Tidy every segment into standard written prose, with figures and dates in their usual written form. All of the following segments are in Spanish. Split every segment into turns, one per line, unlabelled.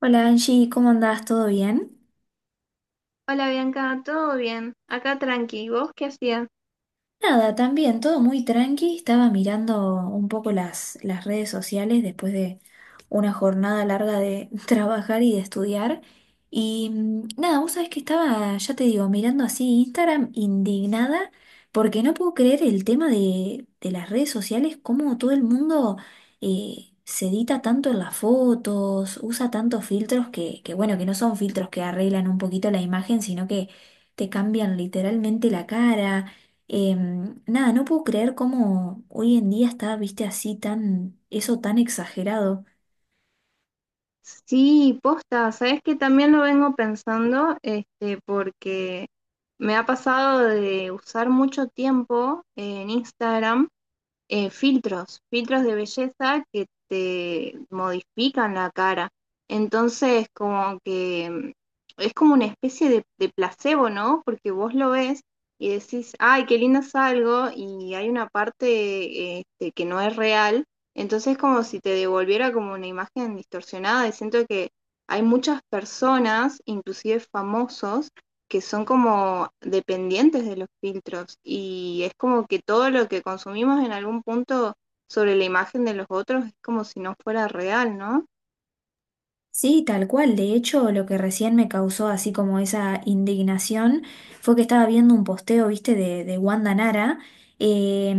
Hola Angie, ¿cómo andas? Todo bien.
Hola Bianca, ¿todo bien? Acá tranqui, ¿vos qué hacías?
Nada, también todo muy tranqui. Estaba mirando un poco las redes sociales después de una jornada larga de trabajar y de estudiar. Y nada, vos sabés que estaba, ya te digo, mirando así Instagram indignada porque no puedo creer el tema de las redes sociales, cómo todo el mundo se edita tanto en las fotos, usa tantos filtros que bueno, que no son filtros que arreglan un poquito la imagen, sino que te cambian literalmente la cara. Nada, no puedo creer cómo hoy en día está, viste, así tan, eso tan exagerado.
Sí, posta, sabes que también lo vengo pensando, porque me ha pasado de usar mucho tiempo en Instagram filtros de belleza que te modifican la cara. Entonces, como que es como una especie de placebo, ¿no? Porque vos lo ves y decís, ay, qué lindo salgo, y hay una parte que no es real. Entonces, como si te devolviera como una imagen distorsionada. Y siento que hay muchas personas, inclusive famosos, que son como dependientes de los filtros y es como que todo lo que consumimos en algún punto sobre la imagen de los otros es como si no fuera real, ¿no?
Sí, tal cual. De hecho, lo que recién me causó así como esa indignación fue que estaba viendo un posteo, viste, de Wanda Nara. eh,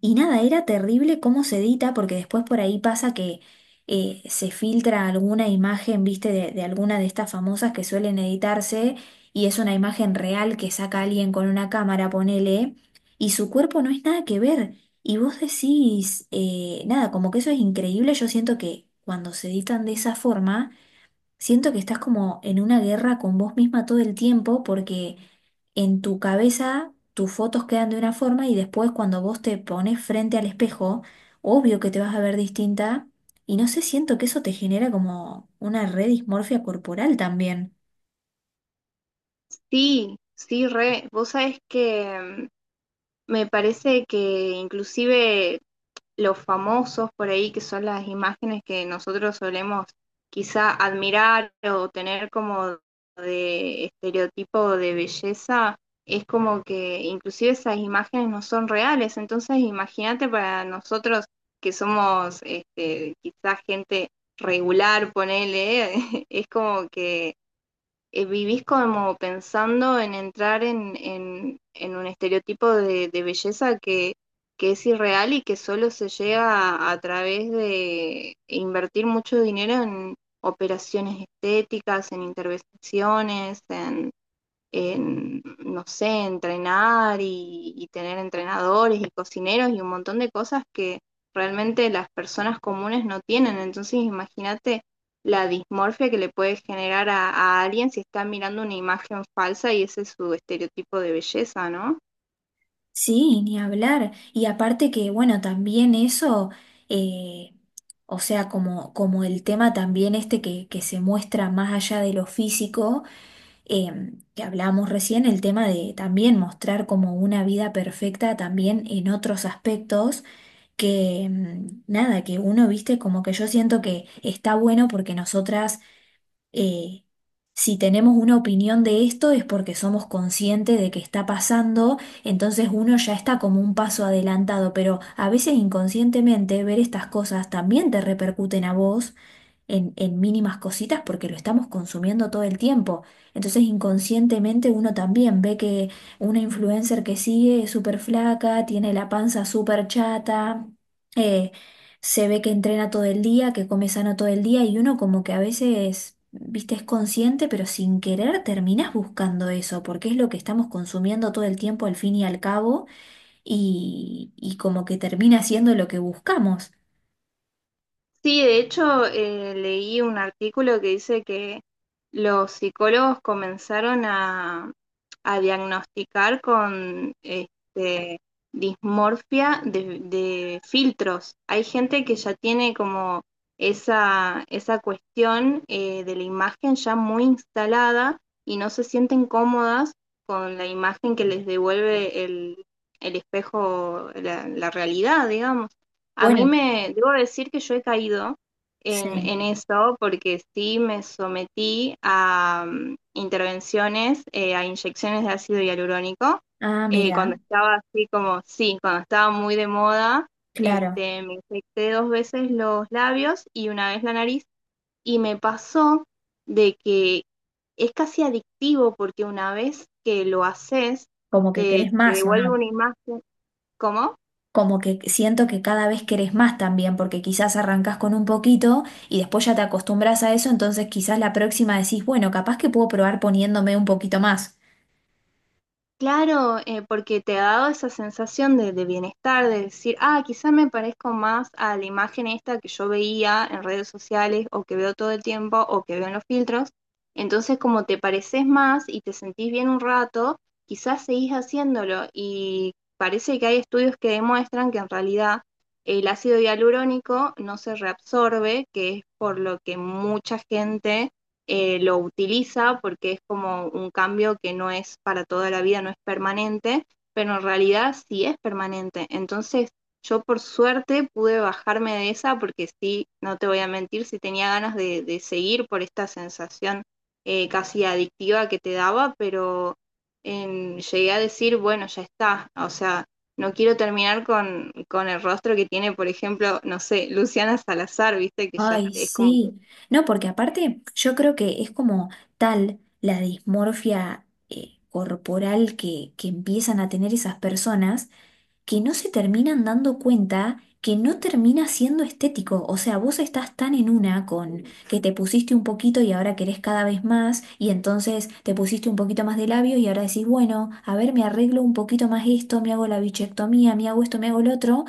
y nada, era terrible cómo se edita, porque después por ahí pasa que se filtra alguna imagen, viste, de alguna de estas famosas que suelen editarse, y es una imagen real que saca alguien con una cámara, ponele, y su cuerpo no es nada que ver. Y vos decís, nada, como que eso es increíble. Yo siento que cuando se editan de esa forma siento que estás como en una guerra con vos misma todo el tiempo porque en tu cabeza tus fotos quedan de una forma y después cuando vos te pones frente al espejo, obvio que te vas a ver distinta y no sé, siento que eso te genera como una redismorfia corporal también.
Sí, sí, re. Vos sabés que me parece que inclusive los famosos por ahí, que son las imágenes que nosotros solemos quizá admirar o tener como de estereotipo de belleza, es como que inclusive esas imágenes no son reales. Entonces, imagínate para nosotros que somos quizá gente regular, ponele, es como que vivís como pensando en entrar en un estereotipo de belleza que es irreal y que solo se llega a través de invertir mucho dinero en operaciones estéticas, en intervenciones, en no sé, entrenar y tener entrenadores y cocineros y un montón de cosas que realmente las personas comunes no tienen. Entonces, imagínate la dismorfia que le puede generar a alguien si está mirando una imagen falsa y ese es su estereotipo de belleza, ¿no?
Sí, ni hablar. Y aparte que, bueno, también eso, eh, o sea, como el tema también este que se muestra más allá de lo físico. Que hablábamos recién, el tema de también mostrar como una vida perfecta también en otros aspectos que nada, que uno, viste, como que yo siento que está bueno porque nosotras, eh, si tenemos una opinión de esto es porque somos conscientes de que está pasando, entonces uno ya está como un paso adelantado, pero a veces inconscientemente ver estas cosas también te repercuten a vos en mínimas cositas porque lo estamos consumiendo todo el tiempo. Entonces inconscientemente uno también ve que una influencer que sigue es súper flaca, tiene la panza súper chata, eh, se ve que entrena todo el día, que come sano todo el día y uno como que a veces... Viste, es consciente, pero sin querer terminás buscando eso, porque es lo que estamos consumiendo todo el tiempo al fin y al cabo, y como que termina siendo lo que buscamos.
Sí, de hecho, leí un artículo que dice que los psicólogos comenzaron a diagnosticar con dismorfia de filtros. Hay gente que ya tiene como esa cuestión de la imagen ya muy instalada y no se sienten cómodas con la imagen que les devuelve el espejo, la realidad, digamos. A mí
Bueno,
me, debo decir que yo he caído
sí.
en eso porque sí me sometí a intervenciones, a inyecciones de ácido hialurónico,
Ah, mira,
cuando estaba así como, sí, cuando estaba muy de moda,
claro.
me infecté dos veces los labios y una vez la nariz y me pasó de que es casi adictivo porque una vez que lo haces,
¿Como que querés
te
más, o
devuelve
no?
una imagen, ¿cómo?
Como que siento que cada vez querés más también, porque quizás arrancás con un poquito y después ya te acostumbras a eso, entonces quizás la próxima decís, bueno, capaz que puedo probar poniéndome un poquito más.
Claro, porque te ha dado esa sensación de bienestar, de decir, ah, quizá me parezco más a la imagen esta que yo veía en redes sociales o que veo todo el tiempo o que veo en los filtros. Entonces, como te pareces más y te sentís bien un rato, quizás seguís haciéndolo y parece que hay estudios que demuestran que en realidad el ácido hialurónico no se reabsorbe, que es por lo que mucha gente lo utiliza porque es como un cambio que no es para toda la vida, no es permanente, pero en realidad sí es permanente. Entonces yo por suerte pude bajarme de esa porque sí, no te voy a mentir, sí tenía ganas de seguir por esta sensación casi adictiva que te daba, pero llegué a decir, bueno, ya está, o sea, no quiero terminar con el rostro que tiene, por ejemplo, no sé, Luciana Salazar, viste, que ya
Ay,
es como que
sí. No, porque aparte yo creo que es como tal la dismorfia corporal que empiezan a tener esas personas que no se terminan dando cuenta que no termina siendo estético. O sea, vos estás tan en una con que te pusiste un poquito y ahora querés cada vez más, y entonces te pusiste un poquito más de labios y ahora decís, bueno, a ver, me arreglo un poquito más esto, me hago la bichectomía, me hago esto, me hago lo otro,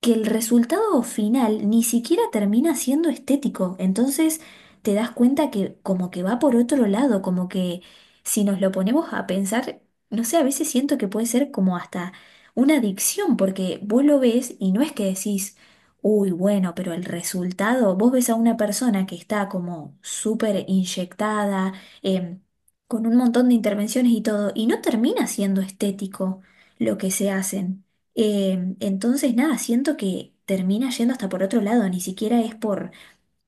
que el resultado final ni siquiera termina siendo estético. Entonces te das cuenta que como que va por otro lado, como que si nos lo ponemos a pensar, no sé, a veces siento que puede ser como hasta una adicción, porque vos lo ves y no es que decís, uy, bueno, pero el resultado, vos ves a una persona que está como súper inyectada, em, con un montón de intervenciones y todo, y no termina siendo estético lo que se hacen. Entonces, nada, siento que termina yendo hasta por otro lado, ni siquiera es por...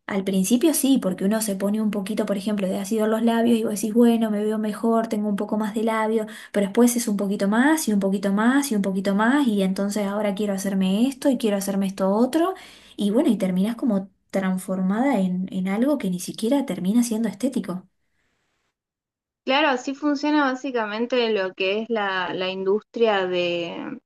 Al principio sí, porque uno se pone un poquito, por ejemplo, de ácido en los labios y vos decís, bueno, me veo mejor, tengo un poco más de labio, pero después es un poquito más y un poquito más y un poquito más y entonces ahora quiero hacerme esto y quiero hacerme esto otro y bueno, y terminás como transformada en algo que ni siquiera termina siendo estético.
Claro, sí funciona básicamente lo que es la industria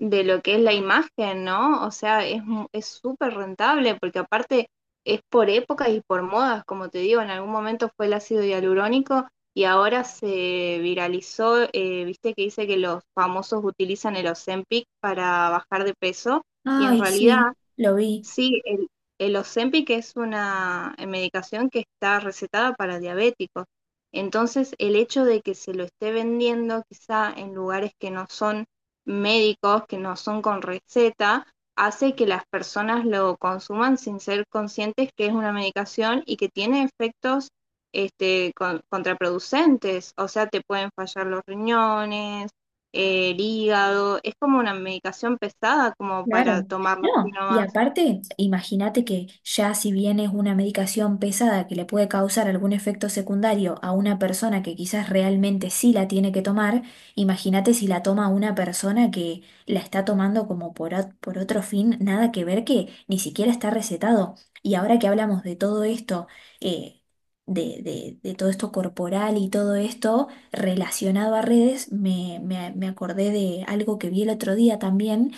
de lo que es la imagen, ¿no? O sea, es súper rentable porque aparte es por épocas y por modas, como te digo, en algún momento fue el ácido hialurónico y ahora se viralizó, viste que dice que los famosos utilizan el Ozempic para bajar de peso y en
Ay, sí,
realidad
lo vi.
sí, el Ozempic es una medicación que está recetada para diabéticos. Entonces, el hecho de que se lo esté vendiendo quizá en lugares que no son médicos, que no son con receta, hace que las personas lo consuman sin ser conscientes que es una medicación y que tiene efectos contraproducentes. O sea, te pueden fallar los riñones, el hígado. Es como una medicación pesada como para
Claro,
tomarla
no,
así
y
nomás.
aparte, imagínate que ya si bien es una medicación pesada que le puede causar algún efecto secundario a una persona que quizás realmente sí la tiene que tomar, imagínate si la toma una persona que la está tomando como por, por otro fin, nada que ver que ni siquiera está recetado. Y ahora que hablamos de todo esto, eh, de, de todo esto corporal y todo esto relacionado a redes, me acordé de algo que vi el otro día también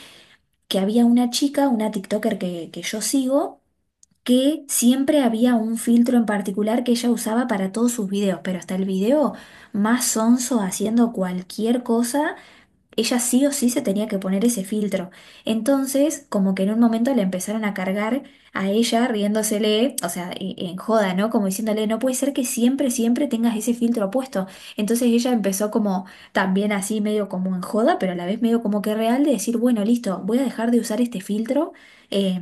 que había una chica, una TikToker que yo sigo, que siempre había un filtro en particular que ella usaba para todos sus videos, pero hasta el video más sonso haciendo cualquier cosa ella sí o sí se tenía que poner ese filtro. Entonces, como que en un momento le empezaron a cargar a ella riéndosele, o sea, en joda, ¿no? Como diciéndole, no puede ser que siempre, siempre tengas ese filtro puesto. Entonces ella empezó como también así, medio como en joda, pero a la vez medio como que real de decir, bueno, listo, voy a dejar de usar este filtro eh,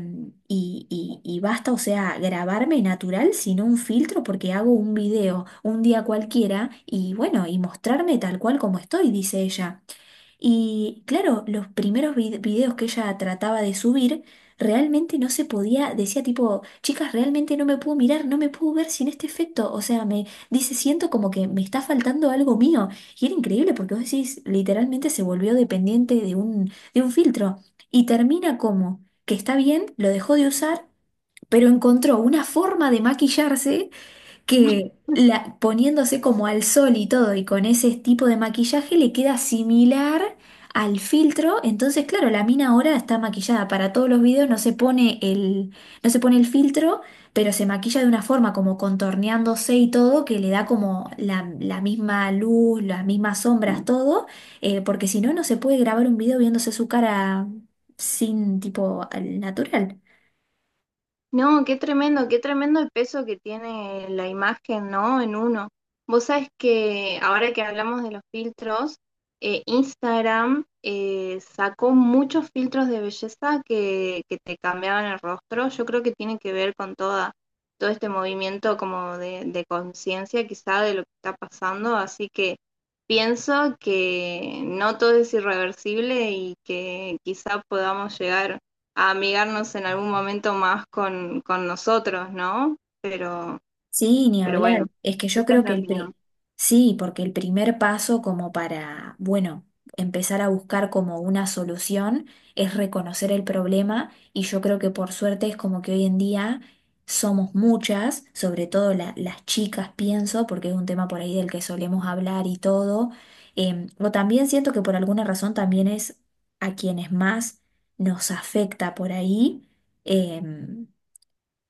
y basta, o sea, grabarme natural sin un filtro porque hago un video un día cualquiera y bueno, y mostrarme tal cual como estoy, dice ella. Y claro, los primeros videos que ella trataba de subir, realmente no se podía, decía tipo, chicas, realmente no me puedo mirar, no me puedo ver sin este efecto. O sea, me dice, siento como que me está faltando algo mío. Y era increíble porque vos decís, literalmente se volvió dependiente de un filtro. Y termina como que está bien, lo dejó de usar, pero encontró una forma de maquillarse que poniéndose como al sol y todo, y con ese tipo de maquillaje le queda similar al filtro. Entonces, claro, la mina ahora está maquillada para todos los videos, no se pone el filtro, pero se maquilla de una forma como contorneándose y todo, que le da como la misma luz, las mismas sombras, todo, porque si no, no se puede grabar un video viéndose su cara sin tipo al natural.
No, qué tremendo el peso que tiene la imagen, ¿no? En uno. Vos sabés que ahora que hablamos de los filtros, Instagram sacó muchos filtros de belleza que te cambiaban el rostro. Yo creo que tiene que ver con toda, todo este movimiento como de conciencia quizá de lo que está pasando. Así que pienso que no todo es irreversible y que quizá podamos llegar a amigarnos en algún momento más con nosotros, ¿no? Pero,
Sí, ni
pero
hablar.
bueno,
Es que yo
esa es
creo
mi
que el
opinión.
sí, porque el primer paso como para, bueno, empezar a buscar como una solución es reconocer el problema y yo creo que por suerte es como que hoy en día somos muchas, sobre todo las chicas, pienso, porque es un tema por ahí del que solemos hablar y todo. O también siento que por alguna razón también es a quienes más nos afecta por ahí. em,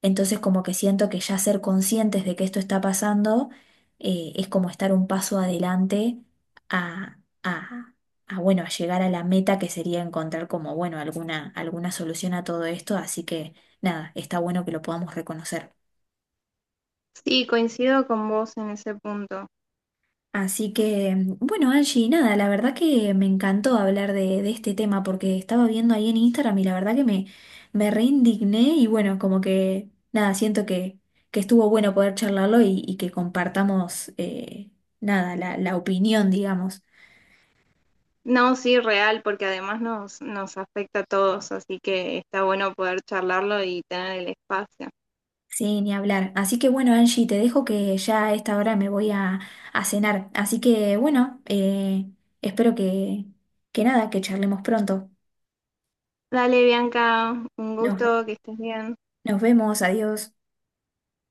entonces como que siento que ya ser conscientes de que esto está pasando es como estar un paso adelante a, a, a, bueno, a llegar a la meta que sería encontrar como, bueno, alguna solución a todo esto. Así que nada, está bueno que lo podamos reconocer.
Sí, coincido con vos en ese punto.
Así que, bueno, Angie, nada, la verdad que me encantó hablar de este tema porque estaba viendo ahí en Instagram y la verdad que me reindigné y bueno, como que, nada, que estuvo bueno poder charlarlo y que compartamos, nada, la opinión, digamos.
No, sí, real, porque además nos, nos afecta a todos, así que está bueno poder charlarlo y tener el espacio.
Sí, ni hablar. Así que bueno, Angie, te dejo que ya a esta hora me voy a cenar. Así que, bueno, espero que nada, que charlemos pronto.
Dale, Bianca, un
Nos,
gusto, que estés bien.
nos vemos, adiós.